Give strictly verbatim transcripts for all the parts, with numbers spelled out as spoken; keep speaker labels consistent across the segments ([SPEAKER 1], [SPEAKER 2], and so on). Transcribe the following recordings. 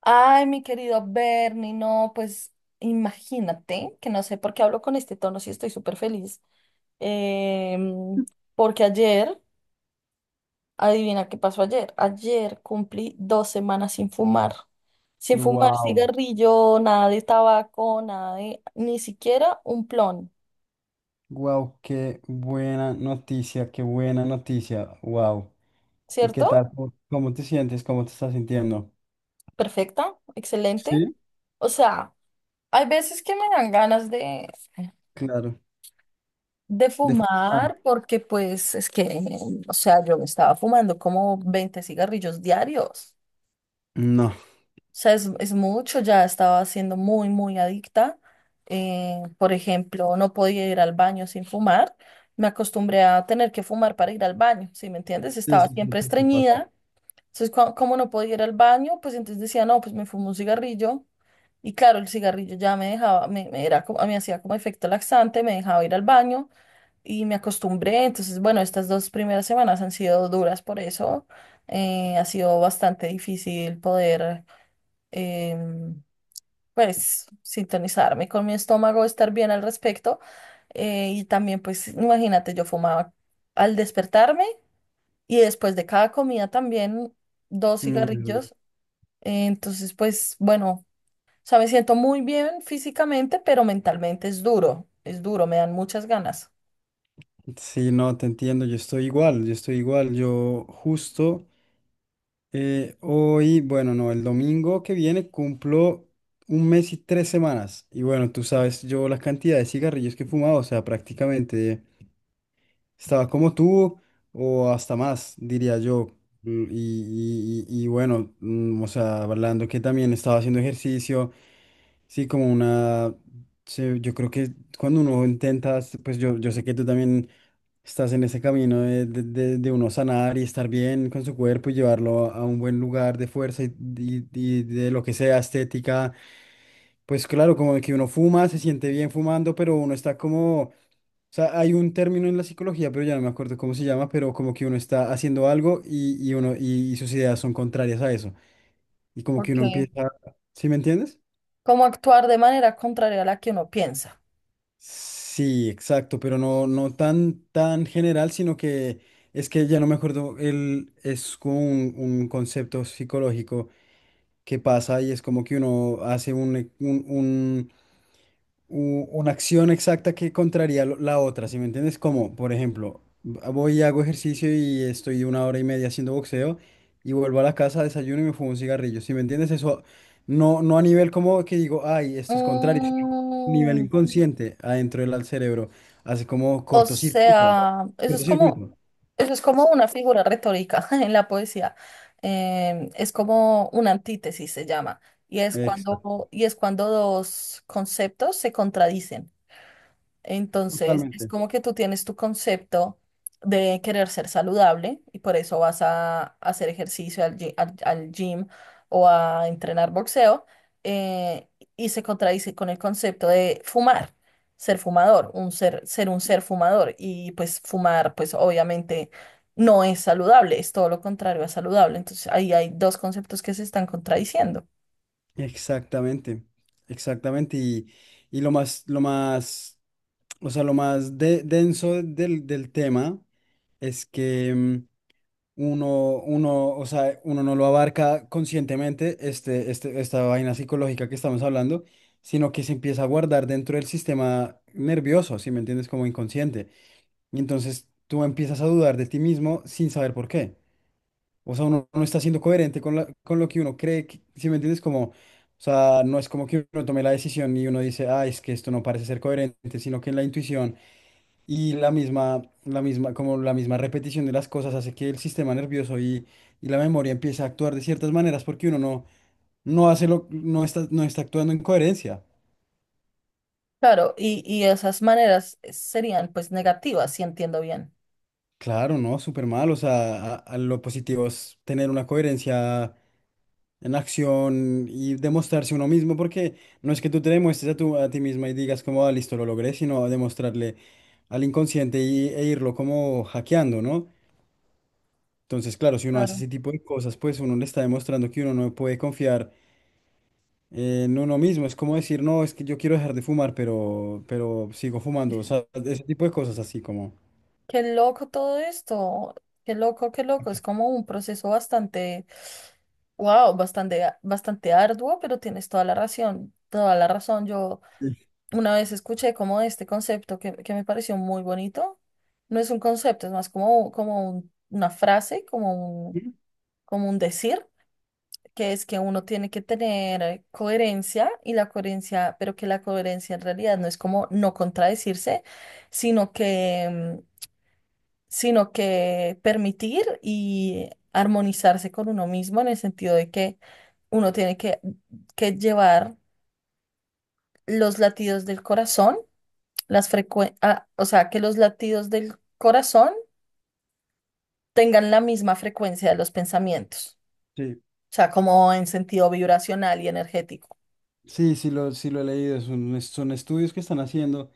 [SPEAKER 1] Ay, mi querido Bernie, no, pues imagínate que no sé por qué hablo con este tono si estoy súper feliz. Em, Porque ayer, adivina qué pasó ayer. Ayer cumplí dos semanas sin fumar. Sin fumar
[SPEAKER 2] Wow,
[SPEAKER 1] cigarrillo, nada de tabaco, nada de, ni siquiera un plon,
[SPEAKER 2] wow, qué buena noticia, qué buena noticia, wow. ¿Y qué
[SPEAKER 1] ¿cierto?
[SPEAKER 2] tal? ¿Cómo cómo te sientes? ¿Cómo te estás sintiendo?
[SPEAKER 1] Perfecta, excelente.
[SPEAKER 2] Sí,
[SPEAKER 1] O sea, hay veces que me dan ganas de,
[SPEAKER 2] claro.
[SPEAKER 1] De
[SPEAKER 2] De
[SPEAKER 1] fumar,
[SPEAKER 2] fumar.
[SPEAKER 1] porque pues es que, o sea, yo me estaba fumando como veinte cigarrillos diarios.
[SPEAKER 2] No.
[SPEAKER 1] O sea, es, es mucho, ya estaba siendo muy, muy adicta. Eh, por ejemplo, no podía ir al baño sin fumar. Me acostumbré a tener que fumar para ir al baño, ¿sí me entiendes?
[SPEAKER 2] Sí,
[SPEAKER 1] Estaba
[SPEAKER 2] sí, sí,
[SPEAKER 1] siempre
[SPEAKER 2] por supuesto.
[SPEAKER 1] estreñida. Entonces, cua- como no podía ir al baño, pues entonces decía, no, pues me fumo un cigarrillo. Y claro, el cigarrillo ya me dejaba, me, me era como, me hacía como efecto laxante, me dejaba ir al baño y me acostumbré. Entonces, bueno, estas dos primeras semanas han sido duras por eso. Eh, ha sido bastante difícil poder, em, pues, sintonizarme con mi estómago, estar bien al respecto. Eh, y también, pues, imagínate, yo fumaba al despertarme y después de cada comida también dos
[SPEAKER 2] Mi verdad.
[SPEAKER 1] cigarrillos. Eh, entonces, pues, bueno, o sea, me siento muy bien físicamente, pero mentalmente es duro, es duro, me dan muchas ganas.
[SPEAKER 2] Sí, no, te entiendo, yo estoy igual, yo estoy igual. Yo justo eh, hoy, bueno, no, el domingo que viene cumplo un mes y tres semanas. Y bueno, tú sabes, yo la cantidad de cigarrillos que he fumado, o sea, prácticamente. Estaba como tú o hasta más, diría yo. Mm, Y, y- y- y bueno, mm, o sea, hablando que también estaba haciendo ejercicio, sí, como una, se- yo creo que cuando uno intenta, pues yo, yo sé que tú también estás en ese camino de, de- de- de uno sanar y estar bien con su cuerpo y llevarlo a un buen lugar de fuerza y, y- y de lo que sea estética. Pues claro, como que uno fuma, se siente bien fumando, pero uno está como, o sea, hay un término en la psicología, pero ya no me acuerdo cómo se llama, pero como que uno está haciendo algo y, y uno y, sus ideas son contrarias a eso. Y como que
[SPEAKER 1] Ok.
[SPEAKER 2] uno empieza, ¿sí me entiendes?
[SPEAKER 1] Como actuar de manera contraria a la que uno piensa.
[SPEAKER 2] Sí, exacto, pero no, no tan, tan general, sino que es que ya no me acuerdo, el, es como un, un concepto psicológico que pasa y es como que uno hace un, un, u- una acción exacta que contraría lo- la otra, ¿sí me entiendes? Como, por ejemplo, v- voy y hago ejercicio y estoy una hora y media haciendo boxeo y vuelvo a la casa, desayuno y me fumo un cigarrillo, ¿sí me entiendes? Eso no, no a nivel como que digo, ay, esto es contrario, sino a nivel
[SPEAKER 1] Mm,
[SPEAKER 2] inconsciente adentro del al cerebro, hace como
[SPEAKER 1] o
[SPEAKER 2] cortocircuito,
[SPEAKER 1] sea, eso es como,
[SPEAKER 2] cortocircuito.
[SPEAKER 1] eso es como una figura retórica en la poesía. Em, es como una antítesis, se llama. Y es
[SPEAKER 2] Exacto,
[SPEAKER 1] cuando, y es cuando dos conceptos se contradicen. Entonces, es
[SPEAKER 2] totalmente.
[SPEAKER 1] como que tú tienes tu concepto de querer ser saludable y por eso vas a hacer ejercicio al, gy- al- al gym o a entrenar boxeo, eh, y se contradice con el concepto de fumar, ser fumador, un ser, ser un ser fumador y pues fumar pues obviamente no es saludable, es todo lo contrario a saludable. Entonces, ahí hay dos conceptos que se están contradiciendo.
[SPEAKER 2] Exactamente, exactamente. Y, y lo más, lo más, o sea, lo más de- denso del del tema. Es que mm, uno, uno, o sea, uno no lo abarca conscientemente, este, este, esta vaina psicológica que estamos hablando, sino que se empieza a guardar dentro del sistema nervioso, si me entiendes, como inconsciente. Y entonces tú empiezas a dudar de ti mismo sin saber por qué. O sea, uno no está siendo coherente con, la- con lo que uno cree, que- si me entiendes, como, o sea, no es como que uno tome la decisión y uno dice, ah, es que esto no parece ser coherente, sino que en la intuición. Y la misma, la misma, como la misma repetición de las cosas hace que el sistema nervioso y, y la memoria empiece a actuar de ciertas maneras porque uno no, no hace lo, no está, no está actuando en coherencia.
[SPEAKER 1] Claro, y, y esas maneras eh, serían pues negativas, si entiendo bien.
[SPEAKER 2] Claro, no, súper mal. O sea, a, a lo positivo es tener una coherencia en acción y demostrarse uno mismo, porque no es que tú te demuestres a, tu, a ti misma y digas como, "Ah, listo, lo logré", sino demostrarle al inconsciente y, e irlo como hackeando, ¿no? Entonces, claro, si uno hace
[SPEAKER 1] Claro.
[SPEAKER 2] ese tipo de cosas, pues uno le está demostrando que uno no puede confiar en uno mismo. Es como decir, no, es que yo quiero dejar de fumar, pero, pero sigo fumando. O sea, ese tipo de cosas así como...
[SPEAKER 1] Qué loco todo esto. Qué loco, qué loco. Es como un proceso bastante, wow, bastante, a- bastante arduo, pero tienes toda la razón, toda la razón. Yo
[SPEAKER 2] Sí,
[SPEAKER 1] una vez escuché como este concepto que, que me pareció muy bonito. No es un concepto, es más como, como un- una frase, como un, como un decir, que es que uno tiene que tener eh, coherencia y la coherencia, pero que la coherencia en realidad no es como no contradecirse, sino que sino que permitir y armonizarse con uno mismo en el sentido de que uno tiene que, que llevar los latidos del corazón, las frecuen- ah, o sea, que los latidos del corazón tengan la misma frecuencia de los pensamientos,
[SPEAKER 2] sí,
[SPEAKER 1] o sea, como en sentido vibracional y energético.
[SPEAKER 2] sí, sí lo, sí lo he leído. Son, son estudios que están haciendo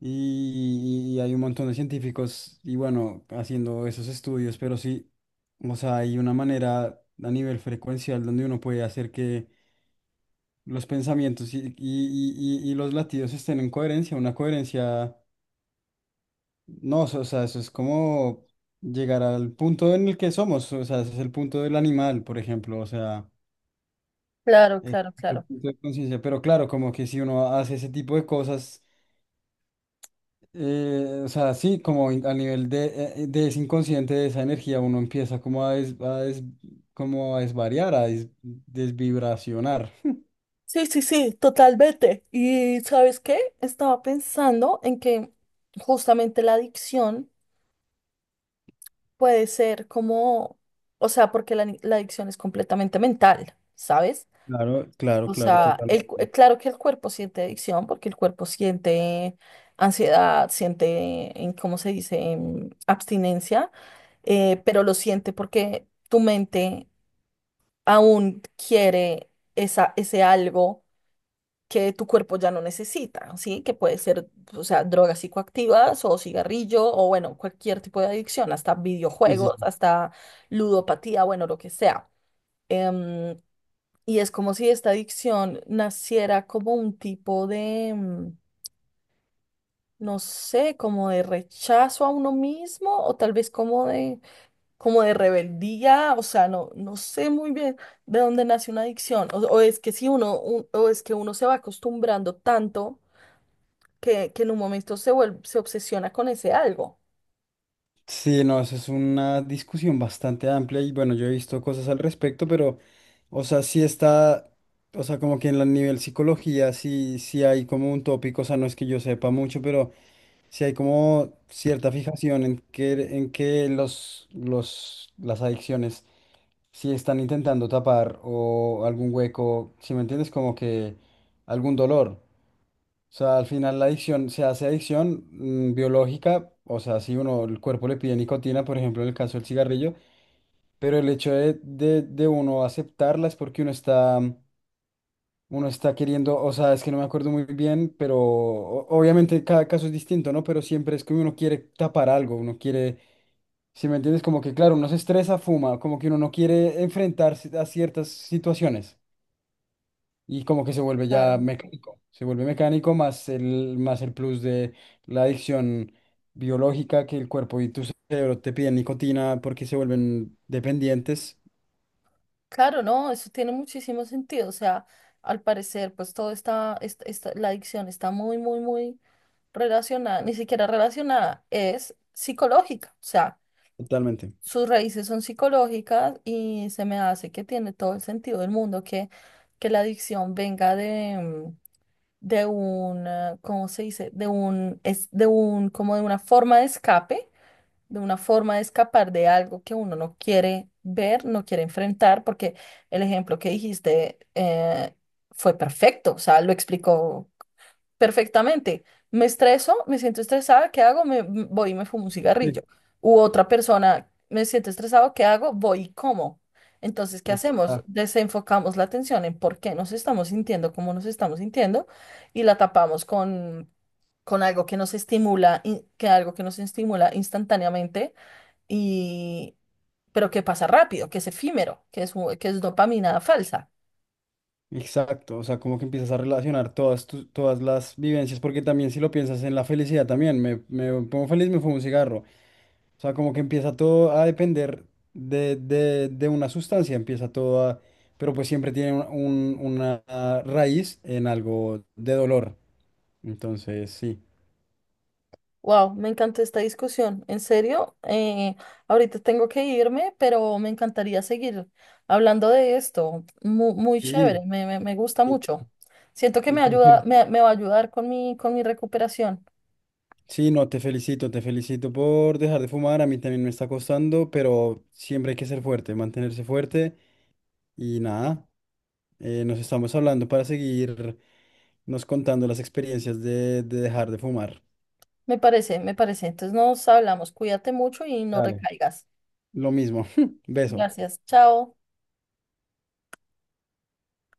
[SPEAKER 2] y, y hay un montón de científicos y bueno, haciendo esos estudios, pero sí, o sea, hay una manera a nivel frecuencial donde uno puede hacer que los pensamientos y, y- y- y- y los latidos estén en coherencia, una coherencia, no, o sea, eso es como llegar al punto en el que somos, o sea, ese es el punto del animal, por ejemplo, o sea,
[SPEAKER 1] Claro,
[SPEAKER 2] es
[SPEAKER 1] claro,
[SPEAKER 2] otro
[SPEAKER 1] claro.
[SPEAKER 2] punto de conciencia, pero claro, como que si uno hace ese tipo de cosas, eh, o sea, sí, como in- a nivel de, eh, de ese inconsciente, de esa energía, uno empieza como a, des- a des- como a desvariar, a des- desvibracionar.
[SPEAKER 1] Sí, sí, sí, totalmente. ¿Y sabes qué? Estaba pensando en que justamente la adicción puede ser como, o sea, porque la, la adicción es completamente mental, ¿sabes?
[SPEAKER 2] Claro, claro,
[SPEAKER 1] O
[SPEAKER 2] claro,
[SPEAKER 1] sea, el, cu- eh,
[SPEAKER 2] totalmente.
[SPEAKER 1] claro que el cuerpo siente adicción porque el cuerpo siente ansiedad, siente, em, ¿cómo se dice?, em, abstinencia, eh, pero lo siente porque tu mente aún quiere esa, ese algo que tu cuerpo ya no necesita, ¿sí? Que puede ser, o sea, drogas psicoactivas o cigarrillo o bueno, cualquier tipo de adicción, hasta videojuegos, hasta ludopatía, bueno, lo que sea. Em, y es como si esta adicción naciera como un tipo de, mm, no sé, como de rechazo a uno mismo o tal vez como de, como de rebeldía, o sea, no, no sé muy bien de dónde nace una adicción o, o es que si uno, un- o es que uno se va acostumbrando tanto que, que en un momento se vuelve, se obsesiona con ese algo.
[SPEAKER 2] Sí, no, eso es una discusión bastante amplia y bueno, yo he visto cosas al respecto, pero, o sea, sí está, o sea, como que en el nivel psicología sí, sí hay como un tópico, o sea, no es que yo sepa mucho, pero sí hay como cierta fijación en que, en que los, los, las adicciones sí están intentando tapar o algún hueco, si me entiendes, como que algún dolor. O sea, al final la adicción se hace adicción mm, biológica, o sea, si uno, el cuerpo le pide nicotina, por ejemplo, en el caso del cigarrillo, pero el hecho de, de, de uno aceptarla es porque uno está, uno está queriendo, o sea, es que no me acuerdo muy bien, pero o- obviamente cada caso es distinto, ¿no? Pero siempre es que uno quiere tapar algo, uno quiere, si me entiendes, como que claro, uno se estresa, fuma, como que uno no quiere enfrentarse a ciertas situaciones. Y como que se vuelve ya
[SPEAKER 1] Claro.
[SPEAKER 2] mecánico, se vuelve mecánico más el, más el plus de la adicción biológica que el cuerpo y tu cerebro te piden nicotina porque se vuelven dependientes
[SPEAKER 1] Claro, no, eso tiene muchísimo sentido. O sea, al parecer, pues todo está, est- esta- la adicción está muy, muy, muy relacionada, ni siquiera relacionada, es psicológica. O sea,
[SPEAKER 2] totalmente.
[SPEAKER 1] sus raíces son psicológicas y se me hace que tiene todo el sentido del mundo que, que la adicción venga de, mm, de un, eh, ¿cómo se dice? De un, es de un, como de una forma de escape, de una forma de escapar de algo que uno no quiere ver, no quiere enfrentar, porque el ejemplo que dijiste eh, fue perfecto, o sea, lo explicó perfectamente. Me estreso, me siento estresada, ¿qué hago? Me m- voy y me fumo un
[SPEAKER 2] Sí.
[SPEAKER 1] cigarrillo. U otra persona, me siento estresado, ¿qué hago? Voy y como. Entonces, ¿qué hacemos?
[SPEAKER 2] Exacto.
[SPEAKER 1] Desenfocamos la atención en por qué nos estamos sintiendo como nos estamos sintiendo y la tapamos con, con algo que nos estimula, in- que algo que nos estimula instantáneamente y pero que pasa rápido, que es efímero, que es, un- que es dopamina falsa.
[SPEAKER 2] Exacto, o sea, como que empiezas a relacionar todas, tus- todas las vivencias, porque también si lo piensas en la felicidad también, me, me pongo feliz, me fumo un cigarro. O sea, como que empieza todo a depender de, de- de una sustancia, empieza todo a... Pero pues siempre tiene un- un- una raíz en algo de dolor. Entonces, sí.
[SPEAKER 1] Wow, me encantó esta discusión. En serio, eh, ahorita tengo que irme, pero me encantaría seguir hablando de esto. Muy, muy chévere,
[SPEAKER 2] Sí.
[SPEAKER 1] me, me- me gusta
[SPEAKER 2] Sí,
[SPEAKER 1] mucho. Siento que
[SPEAKER 2] y
[SPEAKER 1] me
[SPEAKER 2] te
[SPEAKER 1] ayuda,
[SPEAKER 2] fel-
[SPEAKER 1] me, me va a ayudar con mi, con mi recuperación.
[SPEAKER 2] sí, no, te felicito, te felicito por dejar de fumar. A mí también me está costando, pero siempre hay que ser fuerte, mantenerse fuerte. Y nada, eh, nos estamos hablando para seguir nos contando las experiencias de de dejar de fumar.
[SPEAKER 1] Me parece, me parece. Entonces nos hablamos. Cuídate mucho y no
[SPEAKER 2] Dale.
[SPEAKER 1] recaigas.
[SPEAKER 2] Lo mismo. Beso.
[SPEAKER 1] Gracias. Chao.